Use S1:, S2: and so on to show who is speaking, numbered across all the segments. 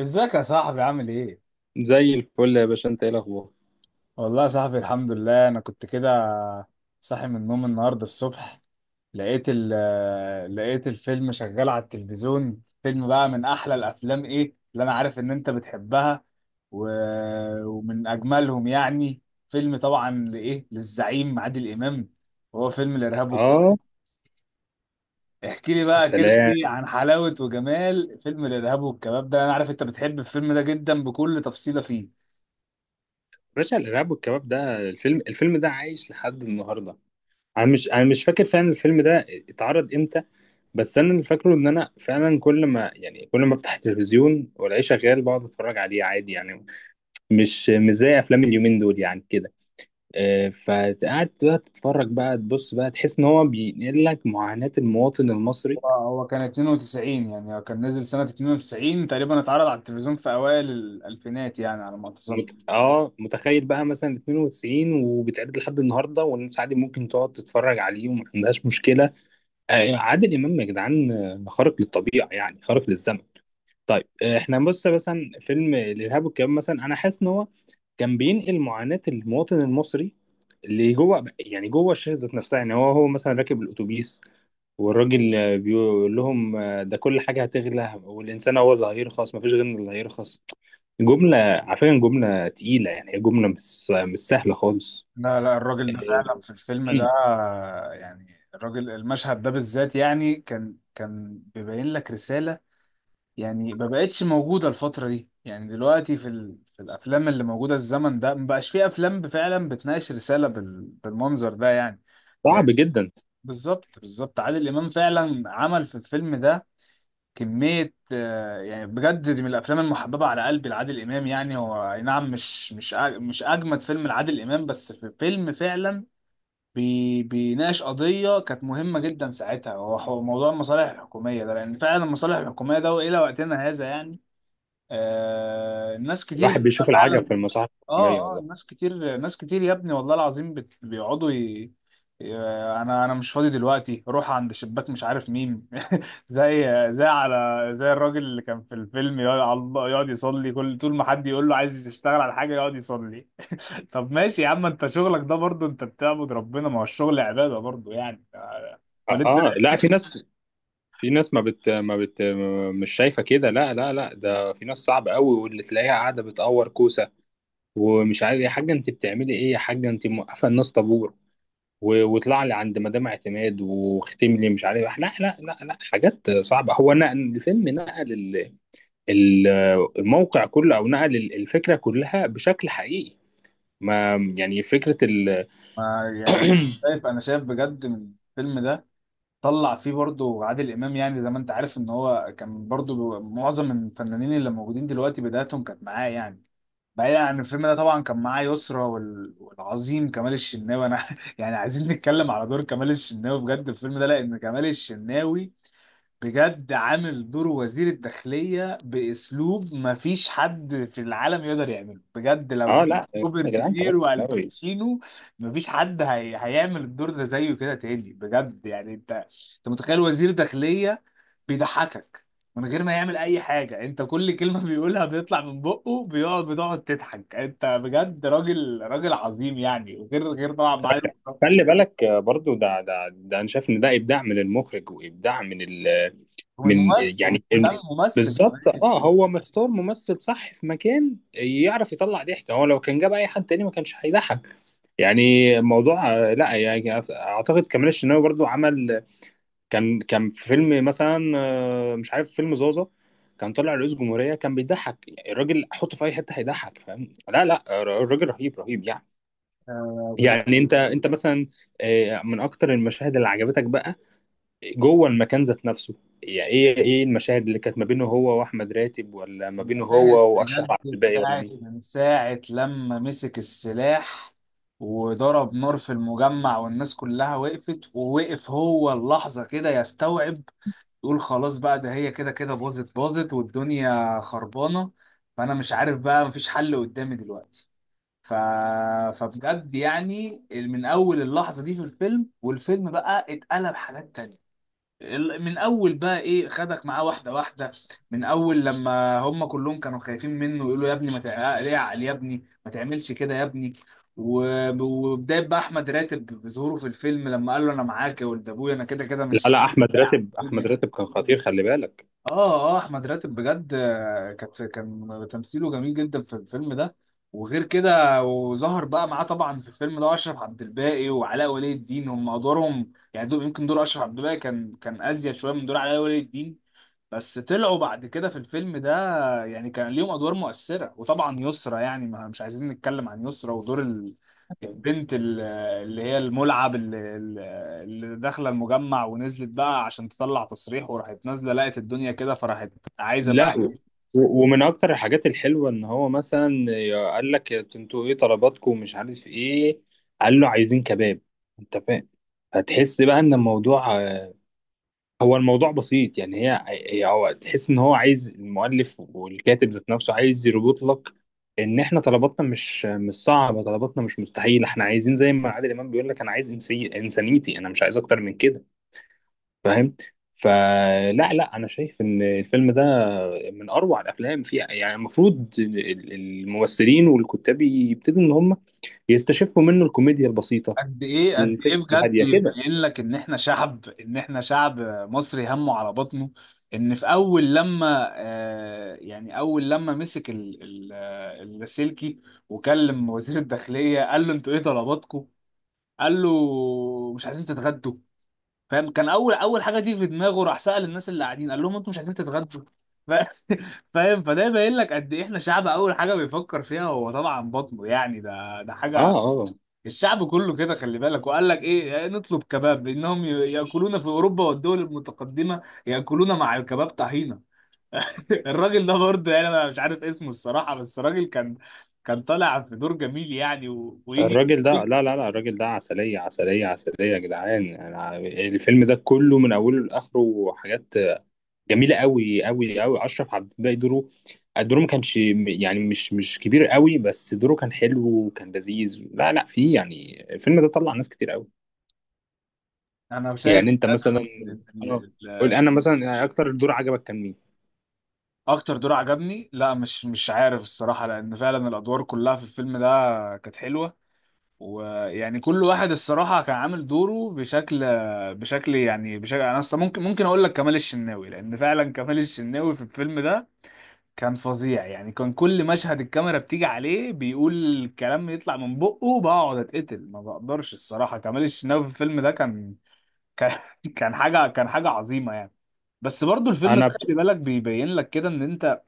S1: ازيك يا صاحبي عامل ايه؟
S2: زي الفل يا باشا، انت ايه الاخبار؟
S1: والله يا صاحبي الحمد لله انا كنت كده، صاحي من النوم النهارده الصبح. لقيت ال لقيت الفيلم شغال على التلفزيون. فيلم بقى من احلى الافلام، ايه اللي انا عارف ان انت بتحبها و... ومن اجملهم يعني. فيلم طبعا للزعيم عادل امام، وهو فيلم
S2: اه.
S1: احكي لي
S2: يا
S1: بقى كده
S2: سلام يا
S1: ايه عن حلاوة وجمال فيلم الارهاب والكباب ده. انا عارف انت بتحب الفيلم ده جدا بكل تفصيلة فيه.
S2: باشا، الارهاب والكباب ده، الفيلم ده عايش لحد النهارده. انا مش فاكر فعلا الفيلم ده اتعرض امتى، بس انا اللي فاكره ان انا فعلا كل ما افتح التلفزيون والاقيه شغال بقعد اتفرج عليه عادي يعني. مش زي افلام اليومين دول يعني كده. اه، فقعدت بقى تتفرج بقى تبص بقى تحس ان هو بينقل لك معاناة المواطن المصري.
S1: هو هو كان 92، يعني هو كان نزل سنة 92 تقريبا، اتعرض على التلفزيون في أوائل الألفينات يعني على ما أتذكر.
S2: مت... اه متخيل بقى مثلا 92 وبيتعرض لحد النهارده، والناس عادي ممكن تقعد تتفرج عليه وما عندهاش مشكله. آه، عادل امام يا جدعان. خارق للطبيعه يعني، خارق للزمن. طيب، احنا بص مثلا فيلم الارهاب والكباب مثلا، انا حاسس ان هو كان بينقل معاناه المواطن المصري اللي جوه، يعني جوه الشاشه ذات نفسها. يعني هو مثلا راكب الاتوبيس والراجل، بيقول لهم، ده كل حاجه هتغلى والانسان هو اللي هيرخص، مفيش غيرنا اللي هيرخص. جملة على فكرة، جملة تقيلة يعني، هي جملة مش سهلة خالص.
S1: لا لا، الراجل ده
S2: إيه،
S1: فعلا في الفيلم ده
S2: مم.
S1: يعني، الراجل، المشهد ده بالذات يعني كان بيبين لك رسالة يعني ما بقتش موجودة الفترة دي، يعني دلوقتي في الأفلام اللي موجودة الزمن ده ما بقاش في أفلام فعلا بتناقش رسالة بالمنظر ده يعني.
S2: صعب
S1: لا،
S2: جدا.
S1: بالظبط عادل إمام فعلا عمل في الفيلم ده كمية، يعني بجد دي من الأفلام المحببة على قلبي لعادل إمام. يعني هو أي نعم مش أجمد فيلم لعادل إمام، بس في فيلم فعلا بيناقش قضية كانت مهمة جدا ساعتها، هو موضوع المصالح الحكومية ده، لأن فعلا المصالح الحكومية ده وإلى وقتنا هذا يعني. آه، الناس كتير
S2: الواحد
S1: بتبقى
S2: بيشوف العجب
S1: فعلا.
S2: في المصالح الحكومية
S1: اه،
S2: والله.
S1: ناس كتير، ناس كتير يا ابني، والله العظيم بيقعدوا ي- انا مش فاضي دلوقتي، روح عند شباك مش عارف مين زي زي على زي الراجل اللي كان في الفيلم، يقعد على الله، يقعد يصلي، كل طول ما حد يقول له عايز يشتغل على حاجه يقعد يصلي. طب ماشي يا عم، انت شغلك ده برضو، انت بتعبد ربنا، ما هو الشغل عباده برضو يعني.
S2: اه.
S1: امال انت
S2: لا، في ناس في ناس، ما بت ما بت مش شايفة كده. لا لا لا، ده في ناس صعبة قوي، واللي تلاقيها قاعدة بتقور كوسة ومش عارف يا حاجة انت بتعملي ايه، يا حاجة انت موقفة الناس طابور، واطلع لي عند مدام اعتماد واختم لي مش عارف. لا لا لا لا، حاجات صعبة. هو نقل الفيلم، نقل ال- الموقع كله، او نقل الفكره كلها بشكل حقيقي. ما يعني فكره ال
S1: ما يعني، شايف، انا شايف بجد من الفيلم ده طلع فيه برضو عادل امام يعني، زي ما انت عارف ان هو كان برضو معظم الفنانين اللي موجودين دلوقتي بداياتهم كانت معاه يعني. بعيدا عن الفيلم ده طبعا كان معاه يسرا والعظيم كمال الشناوي. انا يعني عايزين نتكلم على دور كمال الشناوي بجد في الفيلم ده، لان كمال الشناوي بجد عامل دور وزير الداخلية بأسلوب مفيش حد في العالم يقدر يعمله. بجد لو
S2: اه
S1: جبت
S2: لا يا
S1: روبرت
S2: جدعان، كمان
S1: دينيرو
S2: ناوي.
S1: والباتشينو مفيش حد هيعمل الدور ده زيه كده تاني بجد يعني. انت انت متخيل وزير داخلية بيضحكك من غير ما يعمل اي حاجة؟ انت كل كلمة بيقولها بيطلع من بقه بتقعد تضحك. انت بجد راجل، راجل عظيم يعني. وغير، غير طبعا معاه
S2: خلي بالك، برضو ده انا شايف ان ده ابداع من المخرج، وابداع من ال
S1: ومن
S2: من
S1: ممثل،
S2: يعني
S1: ده
S2: ال-
S1: ممثل
S2: بالظبط.
S1: كمان.
S2: اه هو مختار ممثل صح في مكان، يعرف يطلع ضحك. هو لو كان جاب اي حد تاني ما كانش هيضحك. يعني الموضوع، لا يعني اعتقد كمال الشناوي برضو عمل، كان في فيلم مثلا، مش عارف، فيلم زازا. كان طلع رئيس جمهورية، كان بيضحك. يعني الراجل حطه في اي حتة هيضحك، فاهم؟ لا لا، الراجل رهيب رهيب يعني.
S1: آه، بجد،
S2: يعني انت مثلا، من اكتر المشاهد اللي عجبتك بقى جوه المكان ذات نفسه، يعني ايه المشاهد اللي كانت ما بينه هو واحمد راتب، ولا ما بينه
S1: المشاهد
S2: هو واشرف
S1: بجد
S2: عبد الباقي، ولا
S1: بتاعت
S2: مين؟
S1: من ساعة لما مسك السلاح وضرب نار في المجمع والناس كلها وقفت، ووقف هو اللحظة كده يستوعب، يقول خلاص بقى ده هي كده كده باظت، باظت والدنيا خربانة، فأنا مش عارف بقى مفيش حل قدامي دلوقتي. ف... فبجد يعني من أول اللحظة دي في الفيلم، والفيلم بقى اتقلب حاجات تانية. من اول بقى ايه خدك معاه واحده واحده، من اول لما هم كلهم كانوا خايفين منه يقولوا يا ابني ما تع- ليه عقل، يا ابني ما تعملش كده يا ابني. وبدايه بقى احمد راتب بظهوره في الفيلم لما قال له انا معاك يا ولد ابويا، انا كده كده
S2: لا
S1: مش.
S2: لا، احمد راتب كان خطير، خلي بالك.
S1: اه اه، احمد راتب بجد، آه، كان تمثيله جميل جدا في الفيلم ده. وغير كده وظهر بقى معاه طبعا في الفيلم ده اشرف عبد الباقي وعلاء ولي الدين، هم ادوارهم يعني دول، يمكن دور اشرف عبد الباقي كان ازيد شويه من دور علاء ولي الدين، بس طلعوا بعد كده في الفيلم ده يعني كان ليهم ادوار مؤثره. وطبعا يسرا، يعني ما مش عايزين نتكلم عن يسرا ودور البنت اللي هي الملعب اللي داخله المجمع ونزلت بقى عشان تطلع تصريح، وراحت نازله لقت الدنيا كده فراحت عايزه
S2: لا،
S1: بقى.
S2: ومن اكتر الحاجات الحلوه ان هو مثلا قال لك انتوا ايه طلباتكم ومش عارف ايه، قال له عايزين كباب، انت فاهم؟ فتحس بقى ان الموضوع، هو الموضوع بسيط يعني. هو تحس ان هو عايز المؤلف والكاتب ذات نفسه عايز يربط لك ان احنا طلباتنا مش صعبه، طلباتنا مش مستحيله. احنا عايزين زي ما عادل امام بيقول لك: انا عايز إنسي انسانيتي، انا مش عايز اكتر من كده، فاهم؟ فلا لا، انا شايف ان الفيلم ده من اروع الافلام فيها، يعني المفروض الممثلين والكتاب يبتدوا ان هم يستشفوا منه الكوميديا البسيطه،
S1: قد ايه، قد ايه
S2: الفكره
S1: بجد
S2: الهاديه كده.
S1: يبين لك ان احنا شعب، ان احنا شعب مصري همه على بطنه. ان في اول لما، آه، يعني اول لما مسك اللاسلكي وكلم وزير الداخليه قال له انتوا ايه طلباتكم، قال له مش عايزين تتغدوا. فاهم؟ كان اول اول حاجه تيجي في دماغه راح سأل الناس اللي قاعدين قال لهم انتوا مش عايزين تتغدوا. ف- فاهم؟ فده باين لك قد ايه احنا شعب اول حاجه بيفكر فيها هو طبعا بطنه يعني، ده ده
S2: اه
S1: حاجه
S2: اه.
S1: الشعب كله كده خلي بالك. وقال لك ايه، آه، نطلب كباب، انهم ياكلون في اوروبا والدول المتقدمه ياكلون مع الكباب طحينه. الراجل ده برضه، يعني انا مش عارف اسمه الصراحه، بس الراجل كان طالع في دور جميل يعني ويجي
S2: الراجل ده، لا لا لا، الراجل ده عسليه عسليه عسليه يا جدعان. يعني الفيلم ده كله من اوله لاخره حاجات جميله قوي قوي قوي. اشرف عبد الباقي، دوره ما كانش يعني مش كبير قوي، بس دوره كان حلو وكان لذيذ. لا لا، فيه يعني الفيلم ده طلع ناس كتير قوي.
S1: انا شايف
S2: يعني انت مثلا، اه
S1: بجد.
S2: قول انا مثلا يعني، اكتر دور عجبك كان مين؟
S1: اكتر دور عجبني؟ لا مش عارف الصراحه، لان فعلا الادوار كلها في الفيلم ده كانت حلوه، ويعني كل واحد الصراحه كان عامل دوره بشكل، بشكل. انا أصلاً ممكن اقول لك كمال الشناوي، لان فعلا كمال الشناوي في الفيلم ده كان فظيع يعني، كان كل مشهد الكاميرا بتيجي عليه بيقول الكلام يطلع من بقه، بقعد اتقتل ما بقدرش الصراحه. كمال الشناوي في الفيلم ده كان كان حاجه عظيمه يعني. بس برضو الفيلم ده
S2: انا ب...
S1: خلي بالك بيبين لك كده ان انت،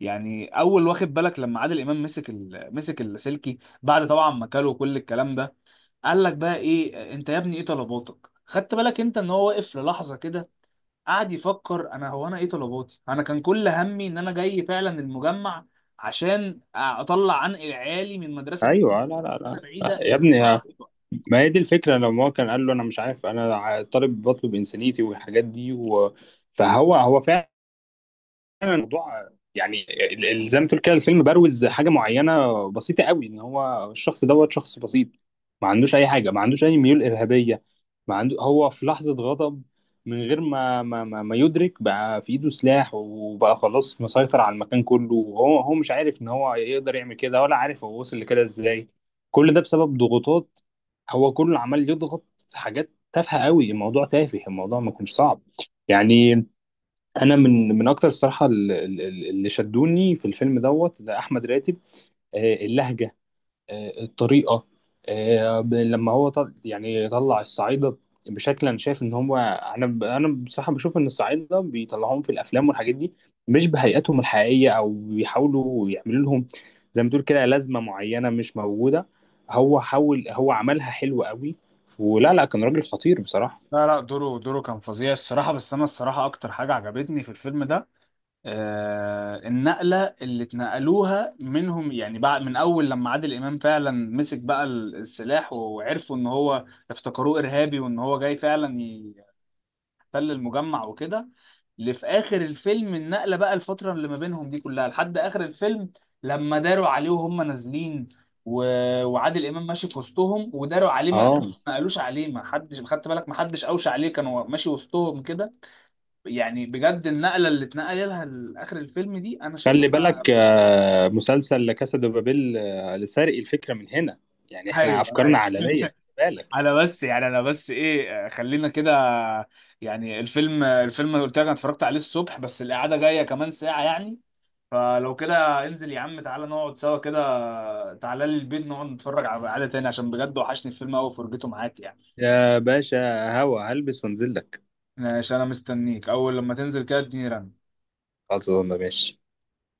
S1: يعني اول واخد بالك لما عادل امام مسك اللاسلكي بعد طبعا ما كلوا كل الكلام ده، قال لك بقى ايه انت يا ابني ايه طلباتك. خدت بالك انت ان هو واقف للحظه كده قعد يفكر، انا هو انا ايه طلباتي، انا كان كل همي ان انا جاي فعلا المجمع عشان اطلع عنق عيالي من مدرسه بعيده،
S2: ايوه، لا لا
S1: مدرسه
S2: لا
S1: بعيده
S2: يا ابني،
S1: لمدرسه قريبه.
S2: ما هي دي الفكره. لو ما هو كان قال له انا مش عارف، انا طالب، بطلب انسانيتي والحاجات دي، فهو هو فعلا الموضوع، يعني زي ما تقول كده، الفيلم بروز حاجه معينه بسيطه قوي، ان هو الشخص دوت شخص بسيط، ما عندوش اي حاجه، ما عندوش اي ميول ارهابيه، ما عنده. هو في لحظه غضب، من غير ما, يدرك بقى في ايده سلاح، وبقى خلاص مسيطر على المكان كله، وهو هو مش عارف ان هو يقدر يعمل كده، ولا عارف هو وصل لكده ازاي. كل ده بسبب ضغوطات، هو كله عمال يضغط في حاجات تافهه قوي، الموضوع تافه، الموضوع ما كانش صعب يعني. انا من اكتر الصراحه اللي شدوني في الفيلم دوت ده احمد راتب. اللهجه، الطريقه، لما هو يعني طلع الصعايده بشكل، انا شايف ان هو، انا بصراحه بشوف ان الصعايده بيطلعوهم في الافلام والحاجات دي مش بهيئتهم الحقيقيه، او بيحاولوا يعملوا لهم زي ما تقول كده لازمه معينه مش موجوده. هو حاول، هو عملها حلو قوي ولا لا، كان راجل خطير بصراحه.
S1: لا لا، دوره كان فظيع الصراحة. بس أنا الصراحة أكتر حاجة عجبتني في الفيلم ده، آه، النقلة اللي اتنقلوها منهم، يعني بعد من أول لما عادل إمام فعلا مسك بقى السلاح وعرفوا إن هو، افتكروه إرهابي وإن هو جاي فعلا يحتل المجمع وكده، اللي في آخر الفيلم النقلة بقى الفترة اللي ما بينهم دي كلها لحد آخر الفيلم، لما داروا عليه وهم نازلين و... وعادل إمام ماشي في وسطهم، وداروا عليه ما
S2: اه،
S1: قالوش ما قالوش عليه، ما حدش، خدت بالك، ما حدش أوشى عليه، كانوا ماشي وسطهم كده يعني. بجد النقله اللي اتنقل لها لاخر الفيلم دي انا
S2: خلي
S1: شايفها.
S2: بالك، مسلسل لا كاسا دو بابيل لسرق الفكره من هنا، يعني احنا
S1: ايوه ايوه،
S2: افكارنا عالميه، خلي بالك.
S1: انا بس يعني، انا بس ايه خلينا كده يعني، الفيلم قلت لك انا اتفرجت عليه الصبح، بس القعده جايه كمان ساعه يعني، فلو كده انزل يا عم تعالى نقعد سوا كده، تعالى لي البيت نقعد نتفرج على قعده تاني، عشان بجد وحشني الفيلم قوي فرجته معاك يعني.
S2: يا باشا، هوا هلبس وانزل لك.
S1: ماشي انا مستنيك، اول لما تنزل كده اديني رن.
S2: خلاص يا ماشي.